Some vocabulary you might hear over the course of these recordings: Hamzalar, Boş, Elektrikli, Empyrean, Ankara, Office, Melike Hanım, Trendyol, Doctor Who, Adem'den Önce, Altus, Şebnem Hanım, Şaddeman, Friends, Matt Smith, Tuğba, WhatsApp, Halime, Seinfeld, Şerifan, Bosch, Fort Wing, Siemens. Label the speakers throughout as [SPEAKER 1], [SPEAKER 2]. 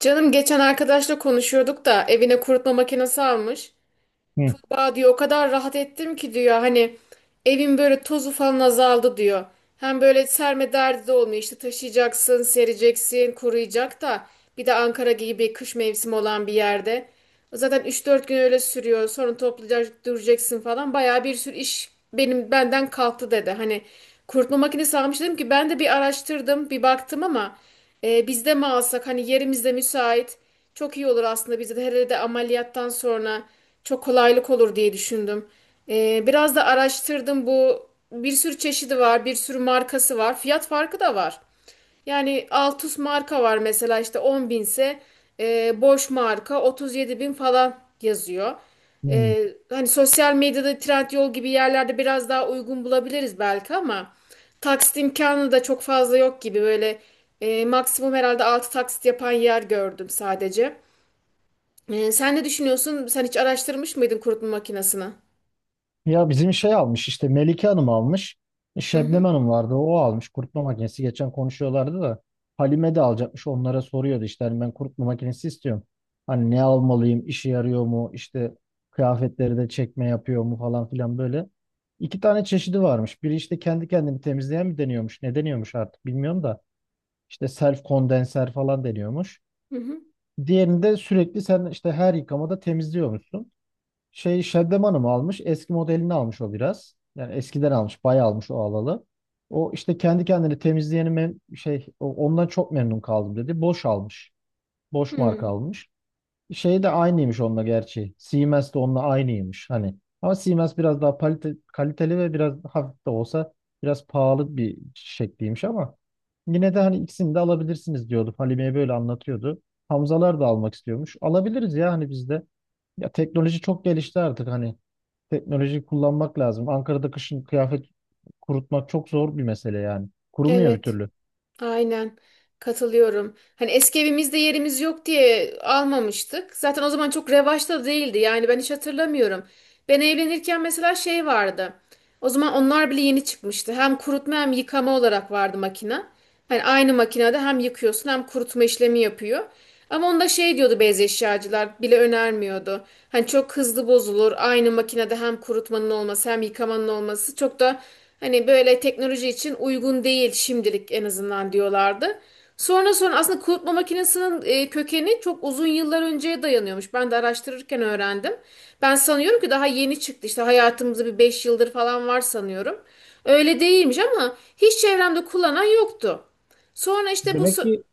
[SPEAKER 1] Canım geçen arkadaşla konuşuyorduk da evine kurutma makinesi almış.
[SPEAKER 2] Hı,
[SPEAKER 1] Tuğba diyor o kadar rahat ettim ki diyor hani evin böyle tozu falan azaldı diyor. Hem böyle serme derdi de olmuyor işte taşıyacaksın, sereceksin, kuruyacak da bir de Ankara gibi kış mevsimi olan bir yerde. Zaten üç dört gün öyle sürüyor sonra toplayacak duracaksın falan bayağı bir sürü iş benden kalktı dedi. Hani kurutma makinesi almış dedim ki ben de bir araştırdım bir baktım ama bizde mi alsak, hani yerimizde müsait. Çok iyi olur aslında bize de herhalde ameliyattan sonra çok kolaylık olur diye düşündüm. Biraz da araştırdım, bu bir sürü çeşidi var, bir sürü markası var, fiyat farkı da var. Yani Altus marka var mesela, işte 10 binse Bosch marka 37 bin falan yazıyor.
[SPEAKER 2] hı.
[SPEAKER 1] E, hani sosyal medyada Trendyol gibi yerlerde biraz daha uygun bulabiliriz belki ama. Taksit imkanı da çok fazla yok gibi, böyle maksimum herhalde 6 taksit yapan yer gördüm sadece. Sen ne düşünüyorsun? Sen hiç araştırmış mıydın kurutma makinesini?
[SPEAKER 2] Ya bizim şey almış işte Melike Hanım almış.
[SPEAKER 1] Hı
[SPEAKER 2] Şebnem
[SPEAKER 1] hı
[SPEAKER 2] Hanım vardı o almış kurutma makinesi. Geçen konuşuyorlardı da Halime de alacakmış onlara soruyordu işte hani ben kurutma makinesi istiyorum. Hani ne almalıyım işe yarıyor mu işte kıyafetleri de çekme yapıyor mu falan filan böyle. İki tane çeşidi varmış. Biri işte kendi kendini temizleyen mi deniyormuş ne deniyormuş artık bilmiyorum da işte self kondenser falan deniyormuş.
[SPEAKER 1] hı hı.
[SPEAKER 2] Diğerinde sürekli sen işte her yıkamada temizliyormuşsun. Şey Şaddeman'ı mı almış? Eski modelini almış o biraz. Yani eskiden almış. Bayağı almış o alalı. O işte kendi kendini temizleyeni ondan çok memnun kaldım dedi. Boş almış. Boş marka
[SPEAKER 1] hı.
[SPEAKER 2] almış. Şey de aynıymış onunla gerçi. Siemens de onunla aynıymış hani. Ama Siemens biraz daha kaliteli ve biraz hafif de olsa biraz pahalı bir şekliymiş ama yine de hani ikisini de alabilirsiniz diyordu. Halime'ye böyle anlatıyordu. Hamzalar da almak istiyormuş. Alabiliriz ya hani biz de. Ya teknoloji çok gelişti artık hani. Teknolojiyi kullanmak lazım. Ankara'da kışın kıyafet kurutmak çok zor bir mesele yani. Kurumuyor bir
[SPEAKER 1] Evet.
[SPEAKER 2] türlü.
[SPEAKER 1] Aynen, katılıyorum. Hani eski evimizde yerimiz yok diye almamıştık. Zaten o zaman çok revaçta da değildi. Yani ben hiç hatırlamıyorum. Ben evlenirken mesela şey vardı. O zaman onlar bile yeni çıkmıştı. Hem kurutma hem yıkama olarak vardı makine. Hani aynı makinede hem yıkıyorsun hem kurutma işlemi yapıyor. Ama onda şey diyordu, beyaz eşyacılar bile önermiyordu. Hani çok hızlı bozulur. Aynı makinede hem kurutmanın olması hem yıkamanın olması çok da hani böyle teknoloji için uygun değil şimdilik en azından diyorlardı. Sonra sonra aslında kurutma makinesinin kökeni çok uzun yıllar önceye dayanıyormuş. Ben de araştırırken öğrendim. Ben sanıyorum ki daha yeni çıktı işte hayatımızda, bir 5 yıldır falan var sanıyorum. Öyle değilmiş ama hiç çevremde kullanan yoktu. Sonra işte bu
[SPEAKER 2] Demek
[SPEAKER 1] so-
[SPEAKER 2] ki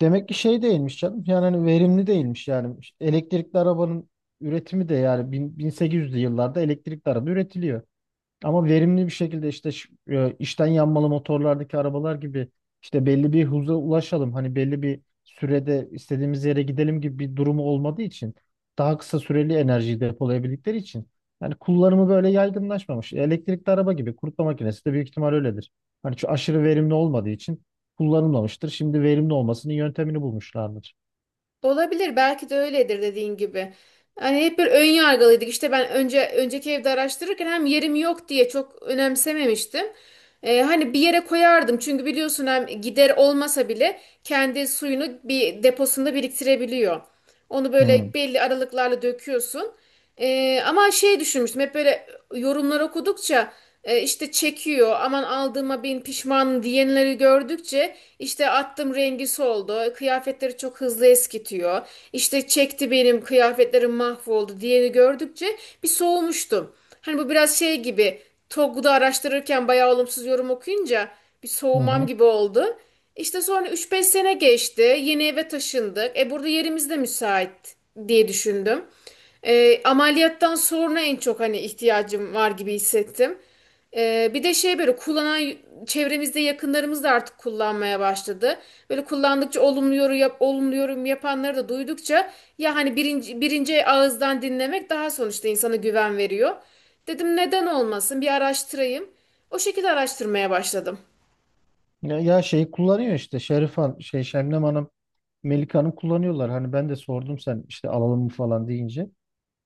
[SPEAKER 2] demek ki şey değilmiş canım. Yani hani verimli değilmiş yani. İşte elektrikli arabanın üretimi de yani 1800'lü yıllarda elektrikli araba üretiliyor. Ama verimli bir şekilde işte içten yanmalı motorlardaki arabalar gibi işte belli bir hıza ulaşalım. Hani belli bir sürede istediğimiz yere gidelim gibi bir durumu olmadığı için daha kısa süreli enerjiyi depolayabildikleri için yani kullanımı böyle yaygınlaşmamış. Elektrikli araba gibi kurutma makinesi de büyük ihtimal öyledir. Hani şu aşırı verimli olmadığı için kullanılmamıştır. Şimdi verimli olmasının yöntemini bulmuşlardır.
[SPEAKER 1] Olabilir, belki de öyledir dediğin gibi. Hani hep bir ön yargılıydık. İşte ben önce önceki evde araştırırken hem yerim yok diye çok önemsememiştim. Hani bir yere koyardım çünkü biliyorsun hem gider olmasa bile kendi suyunu bir deposunda biriktirebiliyor. Onu böyle
[SPEAKER 2] Hı
[SPEAKER 1] belli aralıklarla döküyorsun. Ama şey düşünmüştüm hep, böyle yorumlar okudukça işte çekiyor, aman aldığıma bin pişman diyenleri gördükçe, işte attım rengi soldu, kıyafetleri çok hızlı eskitiyor, İşte çekti benim kıyafetlerim mahvoldu diyeni gördükçe bir soğumuştum. Hani bu biraz şey gibi, Togg'da araştırırken bayağı olumsuz yorum okuyunca bir
[SPEAKER 2] hı.
[SPEAKER 1] soğumam
[SPEAKER 2] Hı.
[SPEAKER 1] gibi oldu. İşte sonra üç beş sene geçti. Yeni eve taşındık. E burada yerimiz de müsait diye düşündüm. E, ameliyattan sonra en çok hani ihtiyacım var gibi hissettim. Bir de şey, böyle kullanan çevremizde yakınlarımız da artık kullanmaya başladı. Böyle kullandıkça olumlu yorum yapanları da duydukça, ya hani birinci ağızdan dinlemek daha sonuçta insana güven veriyor. Dedim neden olmasın, bir araştırayım. O şekilde araştırmaya başladım.
[SPEAKER 2] Ya şeyi kullanıyor işte Şerifan şey Şemnem Hanım Melike Hanım kullanıyorlar. Hani ben de sordum sen işte alalım mı falan deyince.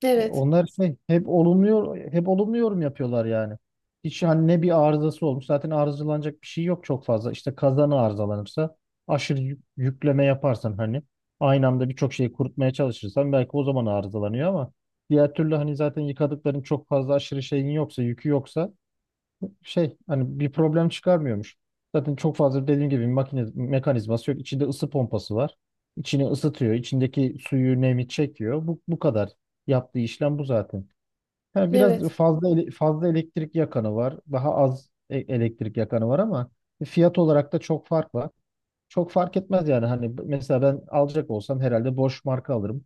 [SPEAKER 1] Evet,
[SPEAKER 2] Onlar şey, hep olumluyor, hep olumlu yorum yapıyorlar yani. Hiç hani ne bir arızası olmuş. Zaten arızalanacak bir şey yok çok fazla. İşte kazanı arızalanırsa aşırı yükleme yaparsan hani aynı anda birçok şeyi kurutmaya çalışırsan belki o zaman arızalanıyor ama diğer türlü hani zaten yıkadıkların çok fazla aşırı şeyin yoksa, yükü yoksa şey hani bir problem çıkarmıyormuş. Zaten çok fazla dediğim gibi makine mekanizması yok. İçinde ısı pompası var. İçini ısıtıyor. İçindeki suyu, nemi çekiyor. Bu kadar. Yaptığı işlem bu zaten. Ha, biraz
[SPEAKER 1] evet,
[SPEAKER 2] fazla fazla elektrik yakanı var. Daha az elektrik yakanı var ama fiyat olarak da çok fark var. Çok fark etmez yani. Hani mesela ben alacak olsam herhalde Bosch marka alırım.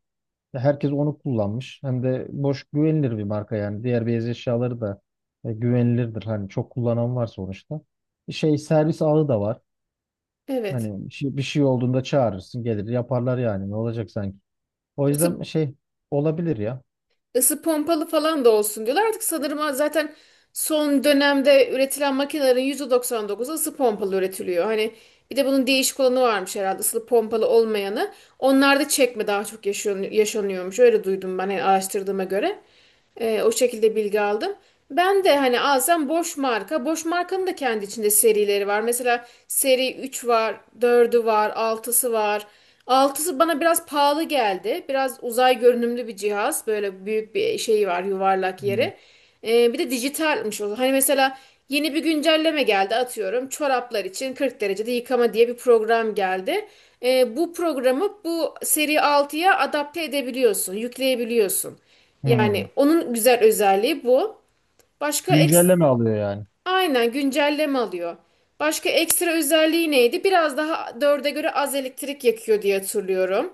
[SPEAKER 2] Herkes onu kullanmış. Hem de boş güvenilir bir marka yani. Diğer beyaz eşyaları da güvenilirdir. Hani çok kullanan var sonuçta. Şey servis ağı da var.
[SPEAKER 1] evet.
[SPEAKER 2] Hani bir şey olduğunda çağırırsın gelir yaparlar yani ne olacak sanki. O yüzden
[SPEAKER 1] Isıp
[SPEAKER 2] şey olabilir ya.
[SPEAKER 1] ısı pompalı falan da olsun diyorlar. Artık sanırım zaten son dönemde üretilen makinelerin %99'u ısı pompalı üretiliyor. Hani bir de bunun değişik olanı varmış, herhalde ısı pompalı olmayanı. Onlar da çekme daha çok yaşıyor, yaşanıyormuş. Öyle duydum ben, yani araştırdığıma göre. O şekilde bilgi aldım. Ben de hani alsam boş marka. Boş markanın da kendi içinde serileri var. Mesela seri 3 var, dördü var, altısı var. Altısı bana biraz pahalı geldi. Biraz uzay görünümlü bir cihaz. Böyle büyük bir şey var, yuvarlak
[SPEAKER 2] Hmm.
[SPEAKER 1] yeri. Bir de dijitalmiş o. Hani mesela yeni bir güncelleme geldi atıyorum, çoraplar için 40 derecede yıkama diye bir program geldi. Bu programı bu seri altıya adapte edebiliyorsun, yükleyebiliyorsun.
[SPEAKER 2] Hmm.
[SPEAKER 1] Yani onun güzel özelliği bu. Başka eks
[SPEAKER 2] Güncelleme alıyor yani.
[SPEAKER 1] aynen güncelleme alıyor. Başka ekstra özelliği neydi? Biraz daha dörde göre az elektrik yakıyor diye hatırlıyorum.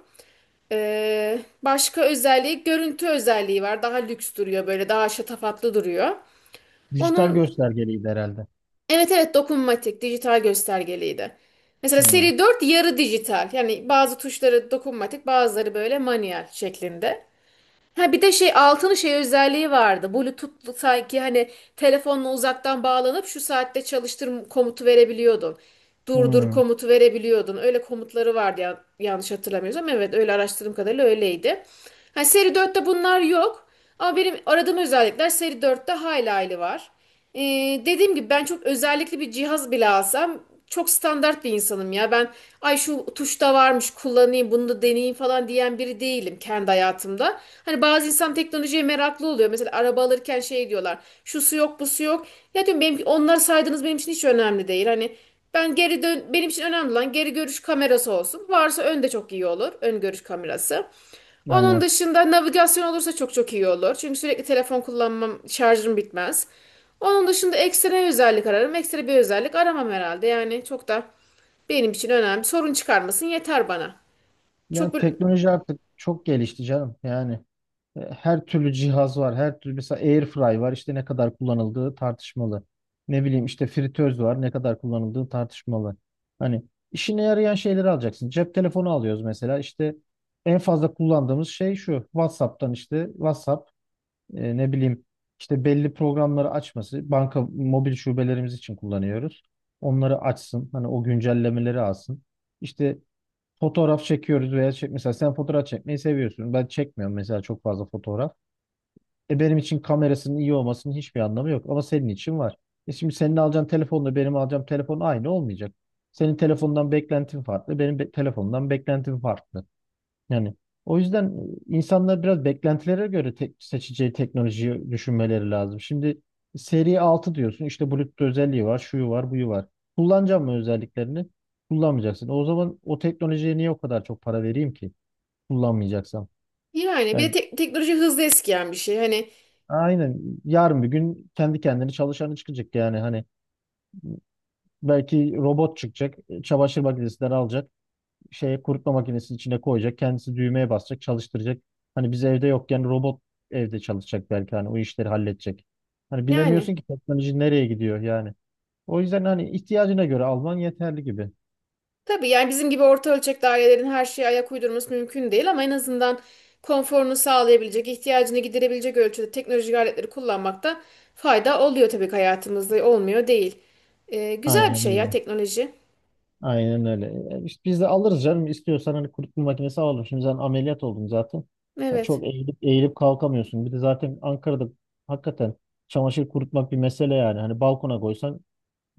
[SPEAKER 1] Başka özelliği görüntü özelliği var. Daha lüks duruyor, böyle daha şatafatlı duruyor.
[SPEAKER 2] Dijital
[SPEAKER 1] Onun
[SPEAKER 2] göstergeliydi herhalde.
[SPEAKER 1] evet evet, dokunmatik dijital göstergeliydi. Mesela
[SPEAKER 2] Hmm.
[SPEAKER 1] seri 4 yarı dijital. Yani bazı tuşları dokunmatik, bazıları böyle manuel şeklinde. Ha bir de şey altının şey özelliği vardı, Bluetooth'lu sanki. Hani telefonla uzaktan bağlanıp şu saatte çalıştır komutu verebiliyordum, durdur
[SPEAKER 2] Hmm.
[SPEAKER 1] komutu verebiliyordun. Öyle komutları vardı ya, yanlış hatırlamıyorsam. Evet, öyle araştırdığım kadarıyla öyleydi. Hani seri dörtte bunlar yok. Ama benim aradığım özellikler seri dörtte hayli hayli var. Ee, dediğim gibi, ben çok özellikli bir cihaz bile alsam çok standart bir insanım ya. Ben ay şu tuşta varmış kullanayım bunu da deneyeyim falan diyen biri değilim kendi hayatımda. Hani bazı insan teknolojiye meraklı oluyor. Mesela araba alırken şey diyorlar, şu su yok bu su yok. Ya diyorum benim, onları saydığınız benim için hiç önemli değil. Hani benim için önemli olan geri görüş kamerası olsun. Varsa ön de çok iyi olur, ön görüş kamerası. Onun
[SPEAKER 2] Aynen.
[SPEAKER 1] dışında navigasyon olursa çok çok iyi olur. Çünkü sürekli telefon kullanmam, şarjım bitmez. Onun dışında ekstra özellik ararım. Ekstra bir özellik aramam herhalde. Yani çok da benim için önemli. Sorun çıkarmasın yeter bana. Çok
[SPEAKER 2] Yani
[SPEAKER 1] böyle-
[SPEAKER 2] teknoloji artık çok gelişti canım yani. E, her türlü cihaz var. Her türlü mesela airfry var. İşte ne kadar kullanıldığı tartışmalı. Ne bileyim işte fritöz var. Ne kadar kullanıldığı tartışmalı. Hani işine yarayan şeyleri alacaksın. Cep telefonu alıyoruz mesela. İşte en fazla kullandığımız şey şu. WhatsApp'tan işte WhatsApp ne bileyim işte belli programları açması. Banka mobil şubelerimiz için kullanıyoruz. Onları açsın. Hani o güncellemeleri alsın. İşte fotoğraf çekiyoruz veya çek mesela sen fotoğraf çekmeyi seviyorsun. Ben çekmiyorum mesela çok fazla fotoğraf. E benim için kamerasının iyi olmasının hiçbir anlamı yok ama senin için var. E şimdi senin alacağın telefonla benim alacağım telefon aynı olmayacak. Senin telefondan beklentin farklı, benim telefondan beklentim farklı. Yani o yüzden insanlar biraz beklentilere göre tek seçeceği teknolojiyi düşünmeleri lazım. Şimdi seri 6 diyorsun işte Bluetooth özelliği var, şuyu var, buyu var. Kullanacağım mı özelliklerini? Kullanmayacaksın. O zaman o teknolojiye niye o kadar çok para vereyim ki kullanmayacaksam?
[SPEAKER 1] yani bir de
[SPEAKER 2] Yani
[SPEAKER 1] teknoloji hızlı eskiyen bir şey. Hani
[SPEAKER 2] aynen. Yarın bir gün kendi kendini çalışanı çıkacak yani hani belki robot çıkacak, çamaşır makinesinden alacak, şeye kurutma makinesinin içine koyacak, kendisi düğmeye basacak, çalıştıracak. Hani biz evde yokken robot evde çalışacak belki hani o işleri halledecek. Hani
[SPEAKER 1] yani
[SPEAKER 2] bilemiyorsun ki teknoloji nereye gidiyor yani. O yüzden hani ihtiyacına göre alman yeterli gibi.
[SPEAKER 1] tabii, yani bizim gibi orta ölçekli ailelerin her şeye ayak uydurması mümkün değil ama en azından konforunu sağlayabilecek, ihtiyacını giderebilecek ölçüde teknolojik aletleri kullanmakta fayda oluyor tabii ki hayatımızda. Olmuyor değil. Güzel bir
[SPEAKER 2] Aynen
[SPEAKER 1] şey ya
[SPEAKER 2] öyle.
[SPEAKER 1] teknoloji.
[SPEAKER 2] Aynen öyle. E, işte biz de alırız canım. İstiyorsan hani kurutma makinesi alalım. Şimdi sen ameliyat oldun zaten. Ha,
[SPEAKER 1] Evet.
[SPEAKER 2] çok eğilip eğilip kalkamıyorsun. Bir de zaten Ankara'da hakikaten çamaşır kurutmak bir mesele yani. Hani balkona koysan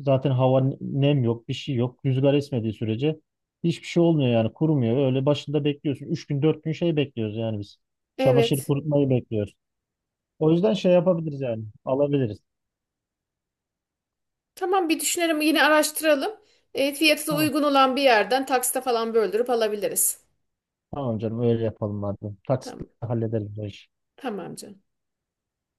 [SPEAKER 2] zaten hava nem yok, bir şey yok. Rüzgar esmediği sürece hiçbir şey olmuyor yani. Kurumuyor. Öyle başında bekliyorsun. Üç gün, dört gün şey bekliyoruz yani biz. Çamaşır
[SPEAKER 1] Evet.
[SPEAKER 2] kurutmayı bekliyoruz. O yüzden şey yapabiliriz yani. Alabiliriz.
[SPEAKER 1] Tamam, bir düşünelim, yine araştıralım. Fiyatı da
[SPEAKER 2] Tamam.
[SPEAKER 1] uygun olan bir yerden taksite falan böldürüp alabiliriz.
[SPEAKER 2] Tamam canım öyle yapalım madem. Taksitle
[SPEAKER 1] Tamam.
[SPEAKER 2] hallederiz bu işi.
[SPEAKER 1] Tamam canım.